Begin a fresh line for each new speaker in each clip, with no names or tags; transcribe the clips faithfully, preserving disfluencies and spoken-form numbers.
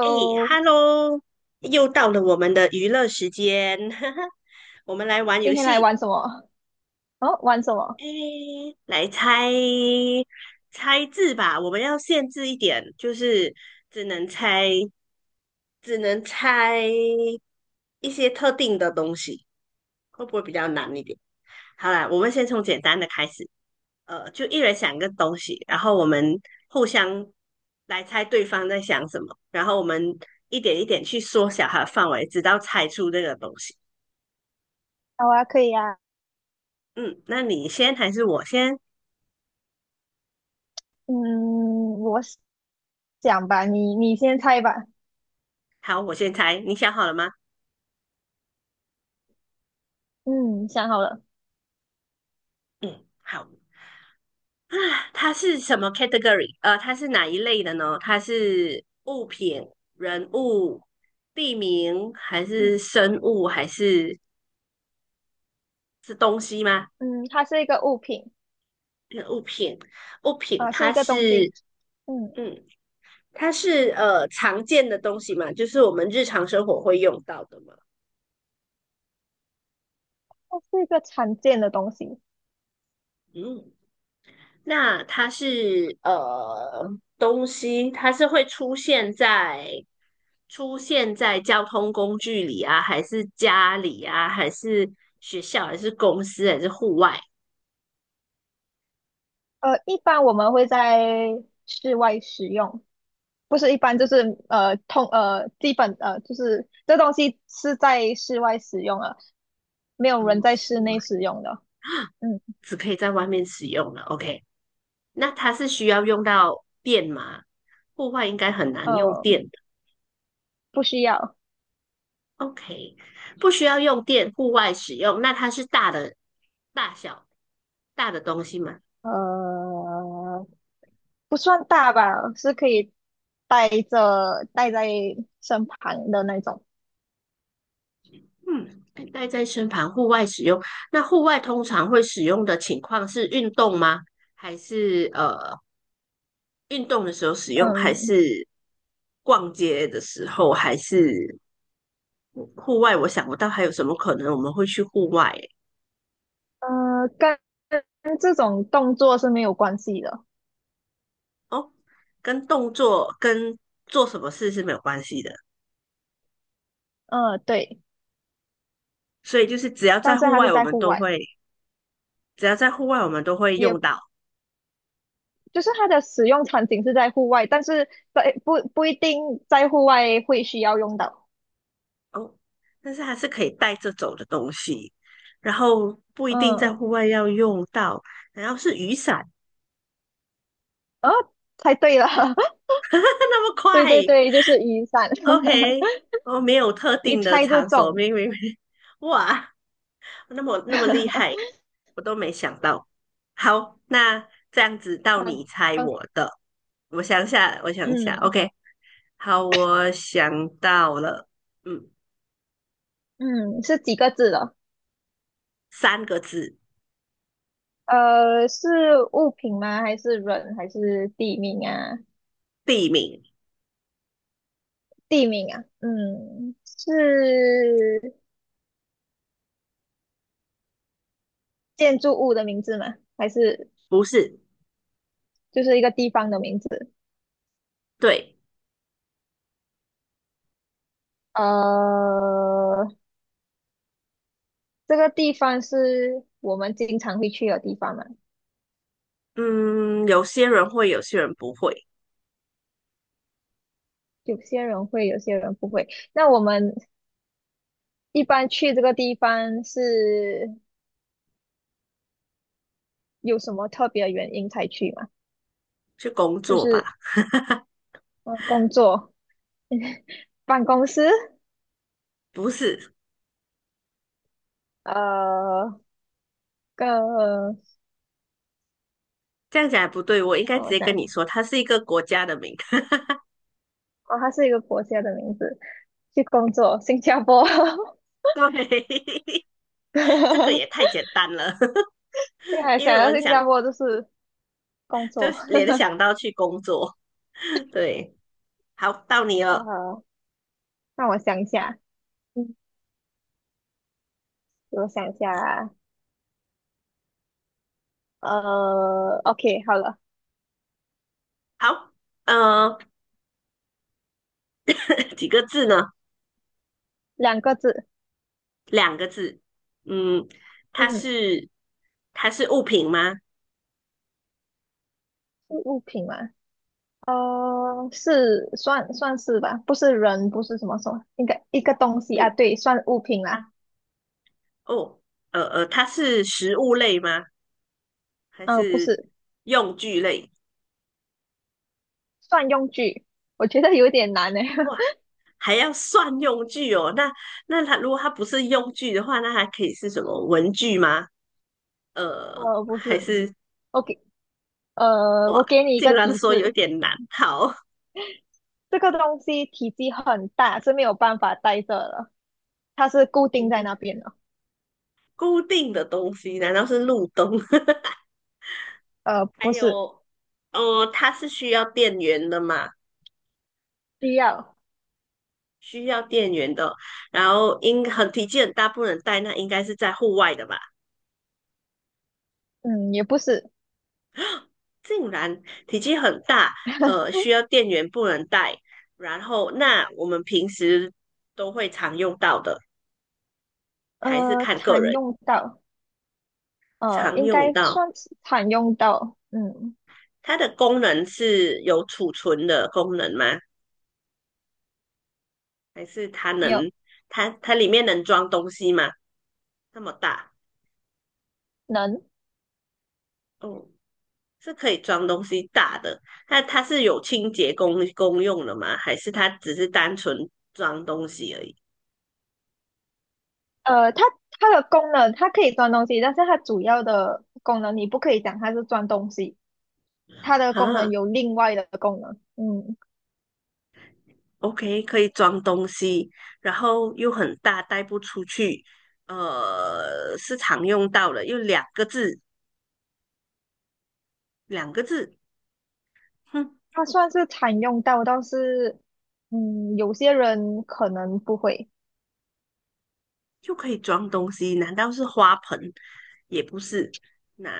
哎 ，Hello，又到了我们的娱乐时间，我们来玩游
今天来
戏。
玩什么？哦，玩什么？
哎，来猜猜字吧，我们要限制一点，就是只能猜，只能猜一些特定的东西，会不会比较难一点？好啦，我们先从简单的开始。呃，就一人想一个东西，然后我们互相来猜对方在想什么，然后我们一点一点去缩小它的范围，直到猜出这个东西。
好啊，可以啊。
嗯，那你先还是我先？
嗯，我想吧，你你先猜吧。
好，我先猜。你想好了吗？
嗯，想好了。
嗯，好。啊，它是什么 category？呃，它是哪一类的呢？它是物品、人物、地名，还
嗯，
是生物，还是是东西吗？
嗯，它是一个物品，
那个物品，物品
啊、是
它
一个东
是，
西。嗯，
嗯，它是呃常见的东西嘛，就是我们日常生活会用到的嘛。
它是一个常见的东西。
嗯，那它是呃东西，它是会出现在出现在交通工具里啊，还是家里啊，还是学校，还是公司，还是户外？
呃，一般我们会在室外使用，不是一般就是呃通呃基本呃就是这东西是在室外使用的，没有人
嗯，
在
是
室
吗，
内使用的。嗯，
只可以在外面使用了。OK,那它是需要用到电吗？户外应该很难用
呃，
电。
不需要。
OK,不需要用电，户外使用。那它是大的、大小、大的东西吗？
呃，不算大吧，是可以带着带在身旁的那种。
嗯，带在身旁，户外使用。那户外通常会使用的情况是运动吗？还是呃运动的时候使用？还
嗯，
是逛街的时候？还是户外？我想不到还有什么可能我们会去户外欸。
呃，跟跟这种动作是没有关系的。
哦，跟动作跟做什么事是没有关系的。
嗯、对，
所以就是只要
但
在
是
户
它是
外，我
在
们
户
都
外，
会只要在户外，我们都会
也
用到。
就是它的使用场景是在户外，但是在不不一定在户外会需要用到。
哦，但是还是可以带着走的东西，然后不一定在
嗯，
户外要用到，然后是雨伞，
哦，猜对了，
那么
对
快
对对，就是雨伞，
，OK,哦，没有特
一
定的
猜就
场所，
中。
没没没，哇，那么那么厉害，我都没想到。好，那这样子到你猜我的，我想下，我想下
嗯，
，OK,好，我想到了，嗯，
嗯，是几个字的？
三个字，
呃，是物品吗？还是人？还是地名啊？
地名，
地名啊，嗯，是建筑物的名字吗？还是
不是，
就是一个地方的名字？
对。
呃，这个地方是我们经常会去的地方嘛？
嗯，有些人会，有些人不会，
有些人会，有些人不会。那我们一般去这个地方是有什么特别的原因才去吗？
去工
就
作吧。
是呃，工作、办公室，
不是，
呃，个
这样讲也不对，我应该
啊，
直
我
接
想
跟你
想，
说，它是一个国家的名。
哦，它是一个国家的名字。去工作，新加坡。
对，这个也太简单了，
对 啊，
因
想
为我
到
很
新
想
加坡就是工
就
作。
联想到去工作。对，好，到你了。
呃，让我想一下，嗯，我想一下啊，呃，OK,好了，
好，呃，几个字呢？
两个字，
两个字。嗯，它
嗯，
是它是物品吗？
是物品嘛？呃，是算算是吧，不是人，不是什么什么，应该一个东西啊，
嗯，
对，算物品啦。
它哦，呃呃，它是食物类吗？还
呃，不
是
是，
用具类？
算用具，我觉得有点难呢。
哇，还要算用具哦。那那它如果它不是用具的话，那还可以是什么文具吗？呃，
呃，不
还
是
是
，OK,呃，我
哇，
给你一
竟
个
然
提
说有
示，
点难。好，
这个东西体积很大，是没有办法带着的，它是固
以
定在
及
那边的。
固定的东西，难道是路灯？
呃，
还
不是
有，呃，它是需要电源的嘛？
需要，
需要电源的哦。然后应很体积很大，不能带，那应该是在户外的吧？
嗯，也不是，
竟然体积很大，呃，需要电源不能带，然后那我们平时都会常用到的，还是
呃，
看个
常
人
用到，呃，
常
应
用
该
到。
算是常用到，嗯，
它的功能是有储存的功能吗？还是它
没有
能它它里面能装东西吗？那么大，
能，
哦，是可以装东西大的。那它是有清洁功功用的吗？还是它只是单纯装东西而已？
呃，它它的功能，它可以装东西，但是它主要的功能你不可以讲它是装东西，它的功能
哈。
有另外的功能，嗯，
OK,可以装东西，然后又很大，带不出去，呃，是常用到的，又两个字，两个字，哼，
它算是常用到，但是，嗯，有些人可能不会，
又可以装东西，难道是花盆？也不是，那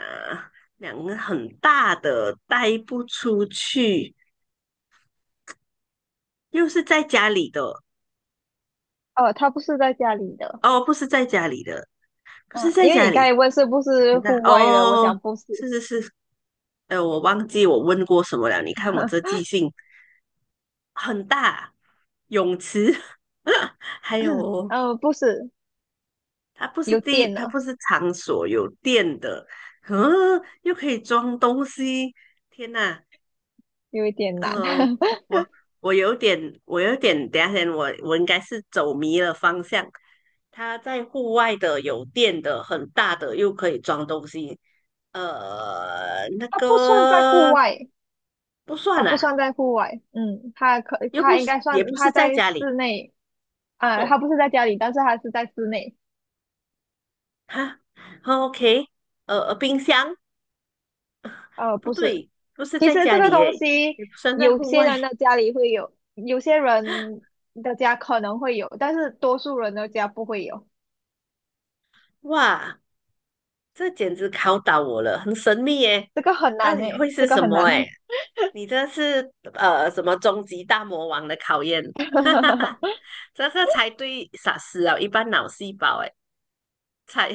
两个很大的，带不出去，又是在家里的，
呃，它不是在家里的。
哦，不是在家里的，不
啊，
是在
因为
家
你刚才
里，
问是不是
很大，
户外的，我
哦，
讲不是，
是是是，呃，我忘记我问过什么了，你看我这 记性。很大泳池，还有
嗯，不是，
它不是
有
地，
电
它
呢，
不是场所，有电的，嗯，又可以装东西，天哪，
有一点难，
呃，我我有点，我有点，等一下先，我我应该是走迷了方向。它在户外的，有电的，很大的，又可以装东西，呃，那
它不算在户
个
外，
不算
它不
啦，
算在户外，嗯，它可
又不
它应
是，
该
也
算
不
它
是在
在
家里。
室内，啊、它
哦，
不是在家里，但是它是在室内，
哈哦，OK,呃，呃冰箱
呃，
不
不是，
对，不是
其
在
实
家
这个
里耶，
东西
也不算在
有
户
些
外。
人的家里会有，有些人的家可能会有，但是多数人的家不会有，
哇，这简直考倒我了，很神秘耶，
这个很
到
难
底会
诶，这
是
个
什
很
么？
难，
哎，你这是呃什么终极大魔王的考验？哈哈哈，这个猜对傻死了，一般脑细胞哎，猜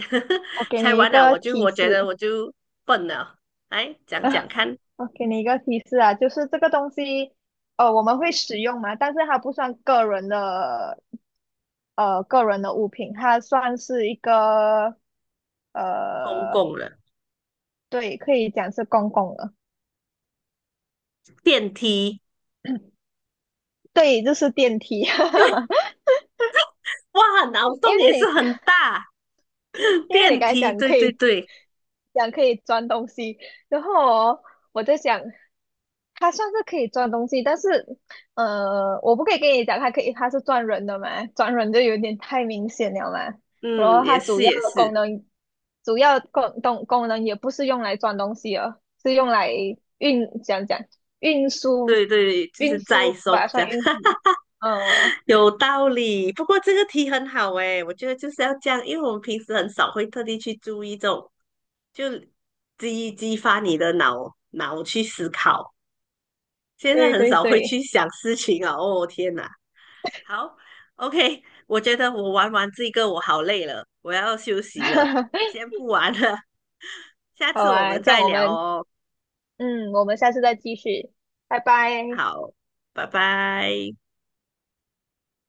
我 给
猜
你一
完了，
个
我就
提
我觉得
示。
我就笨了。来讲讲看，
我给你一个提示啊，就是这个东西，呃，我们会使用嘛，但是它不算个人的，呃，个人的物品，它算是一个，
公
呃，
共了，
对，可以讲是公共的，
电梯，
对，就是电梯，
哇，脑
因
洞也是
为你，
很大。
因为你
电
刚才
梯，
讲
对
可
对
以
对，
讲可以装东西，然后哦我在想，它算是可以装东西，但是，呃，我不可以跟你讲，它可以，它是赚人的嘛，赚人就有点太明显了嘛。然
嗯，
后它
也
主
是
要
也
的
是，
功能，主要功功功能也不是用来装东西哦，是用来运，讲讲运输，
对对，就
运
是再
输
松
吧，
这
算
样，
运输。呃，
有道理。不过这个题很好诶，我觉得就是要这样，因为我们平时很少会特地去注意这种，就激激发你的脑脑去思考。现在
对
很
对
少会去
对，
想事情啊，哦天哪，好，OK,我觉得我玩完这个我好累了，我要休息了，先不玩了，下
好
次我
啊，
们
这样
再
我
聊
们，
哦。
嗯，我们下次再继续，拜拜。
好，拜拜。